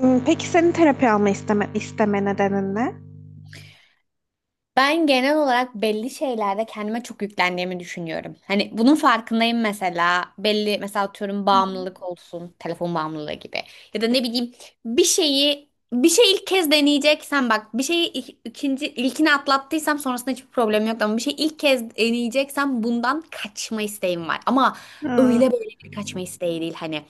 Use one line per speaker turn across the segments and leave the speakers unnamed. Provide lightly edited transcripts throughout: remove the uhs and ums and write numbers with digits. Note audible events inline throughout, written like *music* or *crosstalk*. Hmm, Peki senin terapi alma isteme nedenin ne?
Ben genel olarak belli şeylerde kendime çok yüklendiğimi düşünüyorum. Hani bunun farkındayım mesela. Belli mesela atıyorum bağımlılık olsun, telefon bağımlılığı gibi. Ya da ne bileyim bir şeyi bir şey ilk kez deneyeceksen bak bir şeyi ikinci ilkini atlattıysam sonrasında hiçbir problem yok, ama bir şey ilk kez deneyeceksem bundan kaçma isteğim var. Ama
Hmm,
öyle böyle bir kaçma isteği değil hani.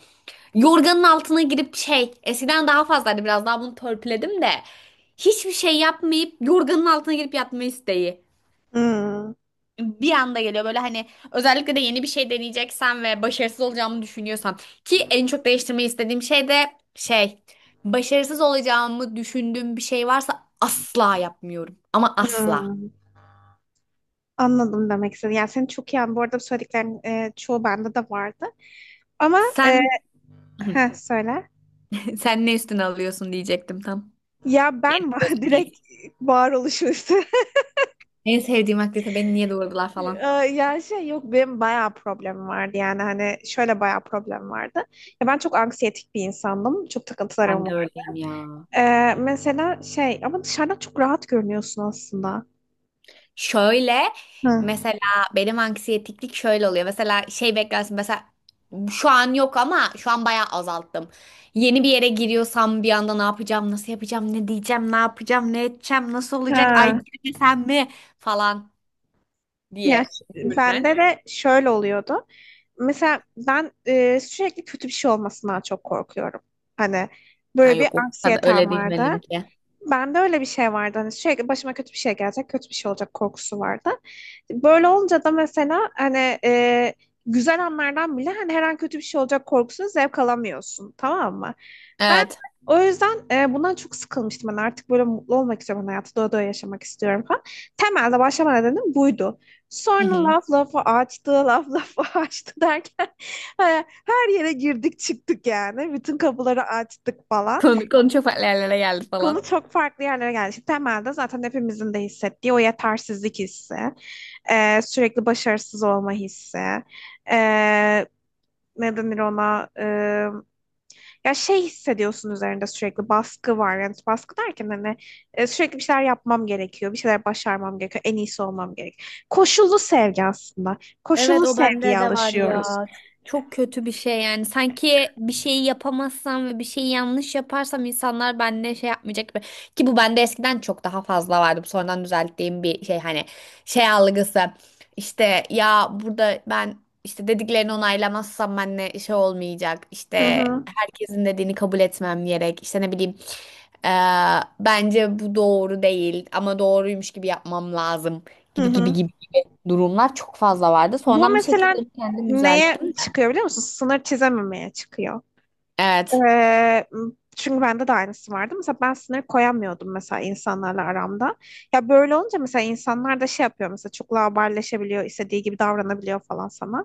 Yorganın altına girip şey, eskiden daha fazlaydı, biraz daha bunu törpüledim de. Hiçbir şey yapmayıp yorganın altına girip yatma isteği.
hmm,
Bir anda geliyor böyle hani, özellikle de yeni bir şey deneyeceksen ve başarısız olacağımı düşünüyorsam ki en çok değiştirmeyi istediğim şey de şey, başarısız olacağımı düşündüğüm bir şey varsa asla yapmıyorum, ama asla.
hmm. Anladım demek istedim. Yani seni çok iyi anlıyorum. Bu arada söylediklerin çoğu bende de vardı. Ama
Sen *laughs*
söyle.
sen ne üstüne alıyorsun diyecektim tam.
Ya
Yani
ben *laughs*
özel değil.
direkt varoluşu üstü.
En sevdiğim aktivite beni niye doğurdular
Ee,
falan.
*laughs* Ya şey yok benim bayağı problemim vardı yani hani şöyle bayağı problem vardı. Ya ben çok anksiyetik bir insandım. Çok
Ben
takıntılarım
de
var.
öyleyim ya.
Mesela şey ama dışarıdan çok rahat görünüyorsun aslında.
Şöyle,
Hı.
mesela benim anksiyetiklik şöyle oluyor. Mesela şey beklersin, mesela şu an yok ama şu an bayağı azalttım. Yeni bir yere giriyorsam bir anda ne yapacağım, nasıl yapacağım, ne diyeceğim, ne yapacağım, ne edeceğim, nasıl olacak, ay
Ha.
girmesem mi falan diye
Ya ş- bende
düşünen.
de şöyle oluyordu. Mesela ben sürekli kötü bir şey olmasından çok korkuyorum. Hani
Ha
böyle bir
yok, o kadar
anksiyetem
öyle değil
vardı.
benimki.
Bende öyle bir şey vardı. Hani sürekli başıma kötü bir şey gelecek, kötü bir şey olacak korkusu vardı. Böyle olunca da mesela hani güzel anlardan bile hani her an kötü bir şey olacak korkusunu zevk alamıyorsun. Tamam mı? Ben
Evet.
o yüzden bundan çok sıkılmıştım. Ben artık böyle mutlu olmak istiyorum. Ben hayatı doya doya yaşamak istiyorum falan. Temelde başlama nedenim buydu.
Hı
Sonra
hı.
laf lafı açtı, laf lafı *laughs* açtı derken e, her yere girdik çıktık yani. Bütün kapıları açtık falan.
Konu çok farklı yerlere geldi
Konu
falan.
çok farklı yerlere geldi. Şimdi temelde zaten hepimizin de hissettiği o yetersizlik hissi, sürekli başarısız olma hissi, e, ne denir ona, ya şey hissediyorsun üzerinde sürekli baskı var. Yani baskı derken hani sürekli bir şeyler yapmam gerekiyor, bir şeyler başarmam gerekiyor, en iyisi olmam gerekiyor. Koşullu sevgi aslında.
Evet,
Koşullu
o
sevgiye
bende de var ya.
alışıyoruz.
Çok, çok kötü bir şey yani. Sanki bir şeyi yapamazsam ve bir şeyi yanlış yaparsam insanlar benimle şey yapmayacak gibi. Ki bu bende eskiden çok daha fazla vardı. Bu sonradan düzelttiğim bir şey, hani şey algısı. İşte ya burada ben, işte dediklerini onaylamazsam benimle şey olmayacak.
Hı
İşte
hı.
herkesin dediğini kabul etmem gerek. İşte ne bileyim eee, bence bu doğru değil ama doğruymuş gibi yapmam lazım,
Hı
gibi gibi
hı.
gibi durumlar çok fazla vardı.
Bu
Sonradan bir şekilde
mesela
onu kendim
neye
düzelttim.
çıkıyor biliyor musun? Sınır çizememeye çıkıyor.
Evet.
Ee, çünkü bende de aynısı vardı. Mesela ben sınır koyamıyordum mesela insanlarla aramda. Ya böyle olunca mesela insanlar da şey yapıyor mesela çok laubalileşebiliyor, istediği gibi davranabiliyor falan sana.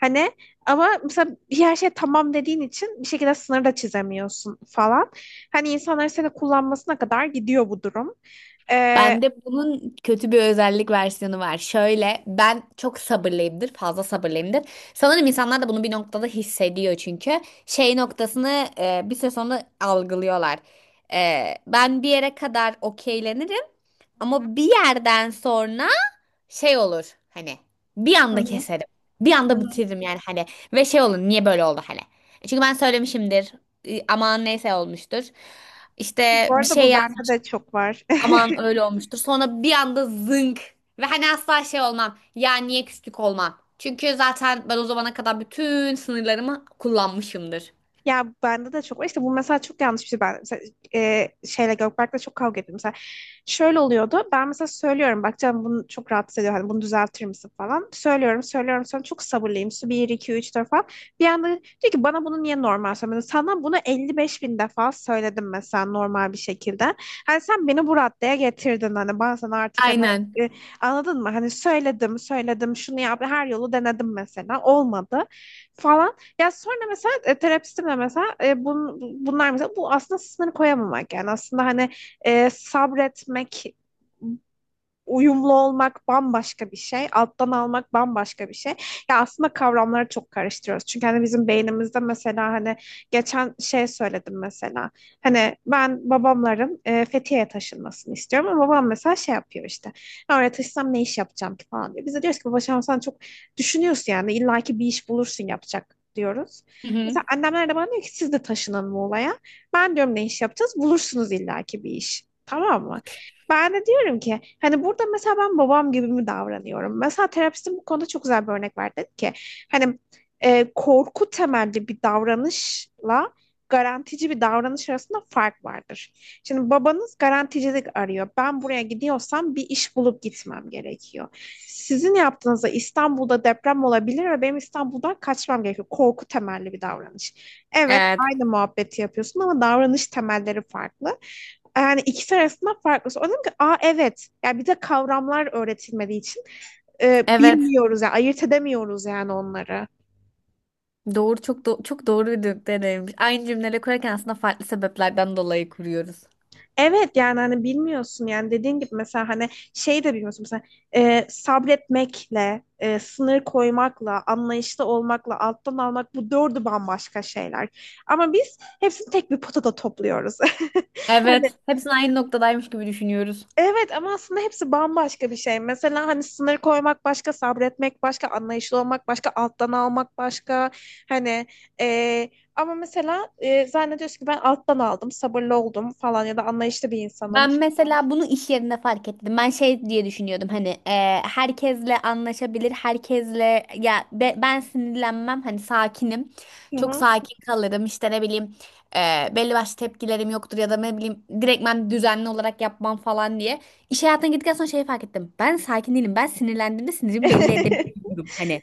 Hani ama mesela bir her şey tamam dediğin için bir şekilde sınır da çizemiyorsun falan. Hani insanların seni kullanmasına kadar gidiyor bu durum.
Bende bunun kötü bir özellik versiyonu var. Şöyle, ben çok sabırlıyımdır. Fazla sabırlıyımdır. Sanırım insanlar da bunu bir noktada hissediyor çünkü. Şey noktasını bir süre sonra algılıyorlar. E, ben bir yere kadar okeylenirim. Ama bir yerden sonra şey olur hani, bir
Hı
anda
hı.
keserim. Bir
Hı hı.
anda bitiririm yani hani, ve şey olur, niye böyle oldu hani. E, çünkü ben söylemişimdir, aman neyse olmuştur. İşte
Bu
bir
arada
şey
bu bende
yazmış,
de çok var.
aman öyle olmuştur. Sonra bir anda zınk, ve hani asla şey olmam ya, niye küslük olmam. Çünkü zaten ben o zamana kadar bütün sınırlarımı kullanmışımdır.
Ya bende de çok var. İşte bu mesela çok yanlış bir şey. Ben mesela, şeyle Gökberk'le çok kavga ettim. Mesela şöyle oluyordu. Ben mesela söylüyorum. Bak canım bunu çok rahatsız ediyor. Hani bunu düzeltir misin falan. Söylüyorum, söylüyorum. Sonra çok sabırlıyım. Su bir 2 3 4 falan. Bir anda diyor ki bana bunu niye normal söylemedin? Sana bunu 55 bin defa söyledim mesela normal bir şekilde. Hani sen beni bu raddeye getirdin. Hani ben sana artık hani
Aynen.
e, anladın mı? Hani söyledim, söyledim. Şunu yap. Her yolu denedim mesela. Olmadı falan. Ya sonra mesela terapistimle mesela bunlar mesela bu aslında sınır koyamamak yani aslında hani sabretmek uyumlu olmak bambaşka bir şey, alttan almak bambaşka bir şey. Ya aslında kavramları çok karıştırıyoruz. Çünkü hani bizim beynimizde mesela hani geçen şey söyledim mesela. Hani ben babamların Fethiye'ye taşınmasını istiyorum ama babam mesela şey yapıyor işte. "Ya oraya taşısam ne iş yapacağım ki falan diyor. Biz de diyoruz ki babacığım sen çok düşünüyorsun yani illaki bir iş bulursun yapacak diyoruz.
Hı hı.
Mesela annemler de bana diyor ki siz de taşının Muğla'ya. Ben diyorum ne iş yapacağız? Bulursunuz illaki bir iş. Tamam mı? Ben de diyorum ki hani burada mesela ben babam gibi mi davranıyorum? Mesela terapistim bu konuda çok güzel bir örnek verdi. Dedi ki hani korku temelli bir davranışla garantici bir davranış arasında fark vardır. Şimdi babanız garanticilik arıyor. Ben buraya gidiyorsam bir iş bulup gitmem gerekiyor. Sizin yaptığınızda İstanbul'da deprem olabilir ve benim İstanbul'dan kaçmam gerekiyor. Korku temelli bir davranış. Evet,
Evet.
aynı muhabbeti yapıyorsun ama davranış temelleri farklı. Yani ikisi arasında farklı. Sonra dedim ki aa evet. Yani bir de kavramlar öğretilmediği için
Evet.
bilmiyoruz yani ayırt edemiyoruz yani onları.
Doğru, çok çok doğru bir deneyimmiş. Aynı cümleleri kurarken aslında farklı sebeplerden dolayı kuruyoruz.
Evet yani hani bilmiyorsun yani dediğin gibi mesela hani şey de bilmiyorsun mesela sabretmekle, sınır koymakla, anlayışlı olmakla, alttan almak bu dördü bambaşka şeyler. Ama biz hepsini tek bir potada topluyoruz. *laughs* Hani
Evet. Hepsini aynı noktadaymış gibi düşünüyoruz.
evet ama aslında hepsi bambaşka bir şey. Mesela hani sınır koymak başka, sabretmek başka, anlayışlı olmak başka, alttan almak başka. Hani eee, ama mesela zannediyorsun ki ben alttan aldım, sabırlı oldum falan ya da anlayışlı bir insanım.
Ben mesela bunu iş yerinde fark ettim. Ben şey diye düşünüyordum hani, herkesle anlaşabilir, herkesle ya ben sinirlenmem hani, sakinim.
Hı
Çok
hı.
sakin kalırım işte, ne bileyim belli başlı tepkilerim yoktur ya da ne bileyim direktmen düzenli olarak yapmam falan diye. İş hayatına gittikten sonra şeyi fark ettim. Ben sakin değilim. Ben sinirlendiğimde sinirimi belli
*laughs*
edebiliyorum hani.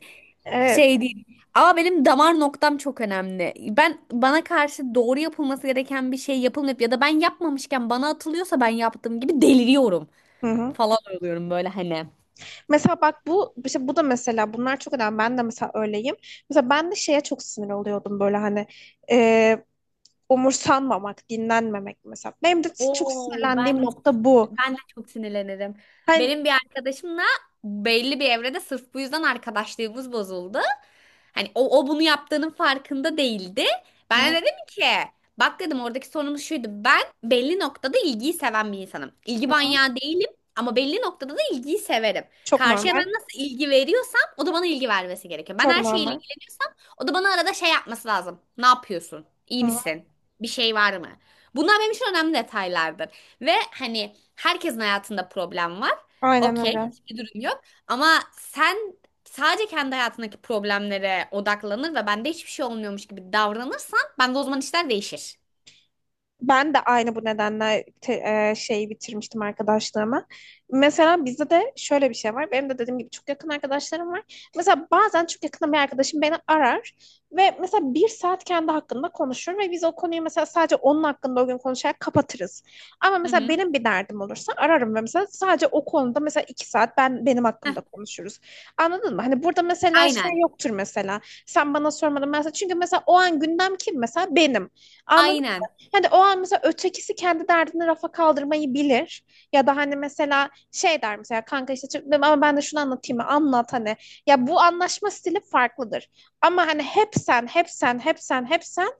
Şey
Evet.
değil. Ama benim damar noktam çok önemli. Ben bana karşı doğru yapılması gereken bir şey yapılmayıp ya da ben yapmamışken bana atılıyorsa ben yaptığım gibi deliriyorum
Hı hı.
falan oluyorum böyle hani.
Mesela bak bu işte bu da mesela bunlar çok önemli. Ben de mesela öyleyim. Mesela ben de şeye çok sinir oluyordum böyle hani e, umursanmamak, dinlenmemek mesela. Benim de çok
Oo
sinirlendiğim
ben
nokta bu.
ben de çok sinirlenirim.
Hani,
Benim bir arkadaşımla belli bir evrede sırf bu yüzden arkadaşlığımız bozuldu. Hani o bunu yaptığının farkında değildi.
hı
Ben de
hı,
dedim ki bak dedim, oradaki sorunumuz şuydu. Ben belli noktada ilgiyi seven bir insanım. İlgi
hı hı.
manyağı değilim ama belli noktada da ilgiyi severim.
Çok
Karşıya
normal.
ben nasıl ilgi veriyorsam o da bana ilgi vermesi gerekiyor. Ben
Çok
her şeyle
normal.
ilgileniyorsam o da bana arada şey yapması lazım. Ne yapıyorsun? İyi
Hı hı.
misin? Bir şey var mı? Bunlar benim için önemli detaylardır. Ve hani herkesin hayatında problem var.
Aynen
Okey,
öyle.
hiçbir durum yok. Ama sen sadece kendi hayatındaki problemlere odaklanır ve bende hiçbir şey olmuyormuş gibi davranırsan bende o zaman işler değişir.
Ben de aynı bu nedenle şeyi bitirmiştim arkadaşlığımı. Mesela bizde de şöyle bir şey var. Benim de dediğim gibi çok yakın arkadaşlarım var. Mesela bazen çok yakın bir arkadaşım beni arar ve mesela bir saat kendi hakkında konuşur ve biz o konuyu mesela sadece onun hakkında o gün konuşarak kapatırız. Ama
Hı
mesela
hı.
benim bir derdim olursa ararım ve mesela sadece o konuda mesela iki saat ben benim
Heh,
hakkımda konuşuruz. Anladın mı? Hani burada mesela şey
aynen.
yoktur mesela. Sen bana sormadın mesela. Çünkü mesela o an gündem kim mesela? Benim.
Aynen.
Hani o an mesela ötekisi kendi derdini rafa kaldırmayı bilir. Ya da hani mesela şey der mesela kanka işte ama ben de şunu anlatayım mı? Anlat hani. Ya bu anlaşma stili farklıdır. Ama hani hep sen, hep sen, hep sen, hep sen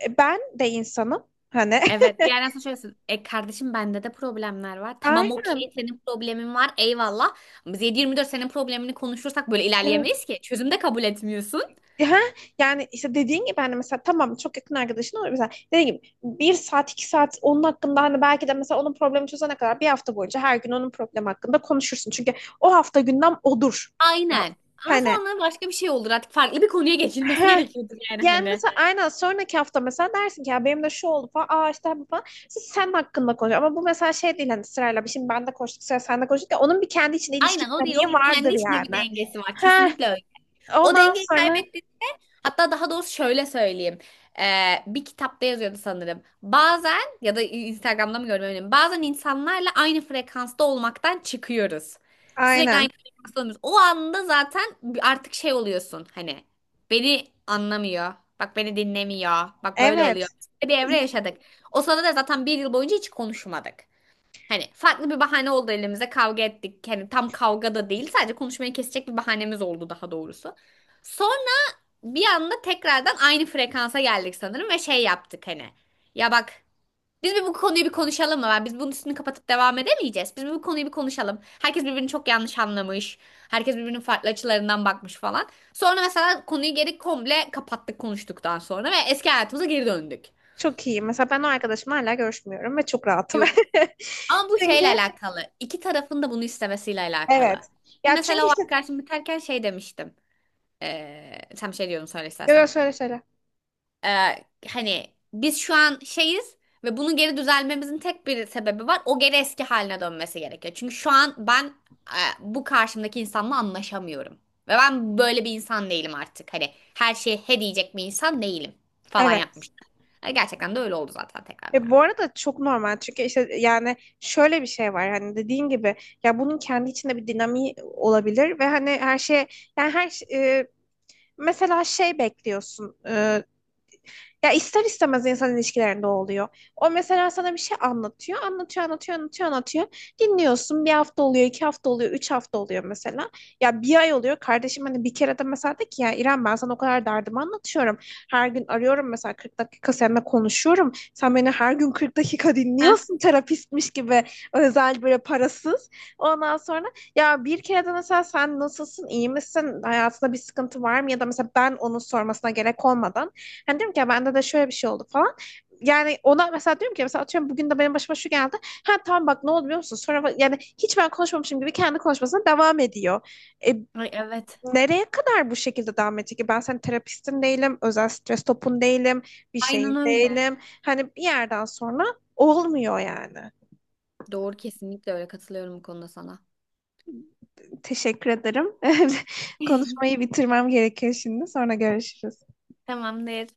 ben de insanım. Hani
Evet. Bir yerden sonra şöyle söylüyorsun, E kardeşim, bende de problemler var.
*laughs*
Tamam, okey,
aynen.
senin problemin var. Eyvallah. Ama biz 7-24 senin problemini konuşursak böyle
Evet.
ilerleyemeyiz ki. Çözüm de kabul etmiyorsun.
Ha, yani işte dediğin gibi hani mesela tamam çok yakın arkadaşın olur mesela dediğin gibi bir saat iki saat onun hakkında hani belki de mesela onun problemi çözene kadar bir hafta boyunca her gün onun problemi hakkında konuşursun. Çünkü o hafta gündem odur.
Aynen. Ama
Hani
sonra başka bir şey olur, artık farklı bir konuya geçilmesi
heh.
gerekiyordur yani
yani
hani.
mesela aynen sonraki hafta mesela dersin ki ya benim de şu oldu falan. Aa işte bu falan. Siz sen hakkında konuşuyor. Ama bu mesela şey değil hani sırayla bir şimdi ben de konuştuk sıra sen de konuştuk ya onun bir kendi içinde ilişki
Aynen, o değil.
dinamiği
O kendi
vardır
içinde bir
yani.
dengesi var.
Heh.
Kesinlikle öyle. O
Ondan
dengeyi
sonra
kaybettiğinde, hatta daha doğrusu şöyle söyleyeyim. Bir kitapta yazıyordu sanırım. Bazen, ya da Instagram'da mı görmüyorum. Bazen insanlarla aynı frekansta olmaktan çıkıyoruz. Sürekli aynı
aynen.
frekansta olmuyoruz. O anda zaten artık şey oluyorsun hani, beni anlamıyor. Bak beni dinlemiyor. Bak böyle oluyor.
Evet.
Bir evre yaşadık. O sırada da zaten bir yıl boyunca hiç konuşmadık. Hani farklı bir bahane oldu elimize, kavga ettik. Hani tam kavga da değil, sadece konuşmayı kesecek bir bahanemiz oldu daha doğrusu. Sonra bir anda tekrardan aynı frekansa geldik sanırım ve şey yaptık hani. Ya bak, biz bir bu konuyu bir konuşalım mı? Biz bunun üstünü kapatıp devam edemeyeceğiz. Biz bir bu konuyu bir konuşalım. Herkes birbirini çok yanlış anlamış. Herkes birbirinin farklı açılarından bakmış falan. Sonra mesela konuyu geri komple kapattık konuştuktan sonra ve eski hayatımıza geri döndük.
Çok iyi. Mesela ben o arkadaşımla hala görüşmüyorum ve çok rahatım. *laughs*
Ama bu
Çünkü
şeyle alakalı. İki tarafın da bunu istemesiyle alakalı.
evet. Ya
Mesela
çünkü
o
işte
arkadaşım biterken şey demiştim. Sen bir şey diyordun, söyle
yo yo
istersen.
söyle söyle.
Hani biz şu an şeyiz ve bunun geri düzelmemizin tek bir sebebi var. O geri eski haline dönmesi gerekiyor. Çünkü şu an ben, bu karşımdaki insanla anlaşamıyorum. Ve ben böyle bir insan değilim artık. Hani her şeye he diyecek bir insan değilim falan
Evet.
yapmıştım. E, gerçekten de öyle oldu zaten tekrardan.
E bu arada çok normal çünkü işte yani şöyle bir şey var hani dediğin gibi ya bunun kendi içinde bir dinamiği olabilir ve hani her şeye yani mesela şey bekliyorsun ya ister istemez insan ilişkilerinde oluyor. O mesela sana bir şey anlatıyor, anlatıyor, anlatıyor, anlatıyor, anlatıyor. Dinliyorsun bir hafta oluyor, 2 hafta oluyor, 3 hafta oluyor mesela. Ya bir ay oluyor. Kardeşim hani bir kere de mesela de ki ya İrem ben sana o kadar derdimi anlatıyorum. Her gün arıyorum mesela 40 dakika seninle konuşuyorum. Sen beni her gün 40 dakika
Heh.
dinliyorsun terapistmiş gibi özel böyle parasız. Ondan sonra ya bir kere de mesela sen nasılsın, iyi misin, hayatında bir sıkıntı var mı? Ya da mesela ben onun sormasına gerek olmadan hani diyorum ki ya bende de şöyle bir şey oldu falan. Yani ona mesela diyorum ki mesela atıyorum bugün de benim başıma şu geldi. Ha tamam bak ne oldu biliyor musun? Sonra yani hiç ben konuşmamışım gibi kendi konuşmasına devam ediyor. E,
Ay evet.
nereye kadar bu şekilde devam edecek ki? Ben senin terapistin değilim, özel stres topun değilim, bir
Aynen
şeyin
öyle.
değilim. Hani bir yerden sonra olmuyor yani.
Doğru, kesinlikle öyle, katılıyorum bu konuda sana.
Teşekkür ederim. *laughs* Konuşmayı
*laughs*
bitirmem gerekiyor şimdi. Sonra görüşürüz.
Tamamdır.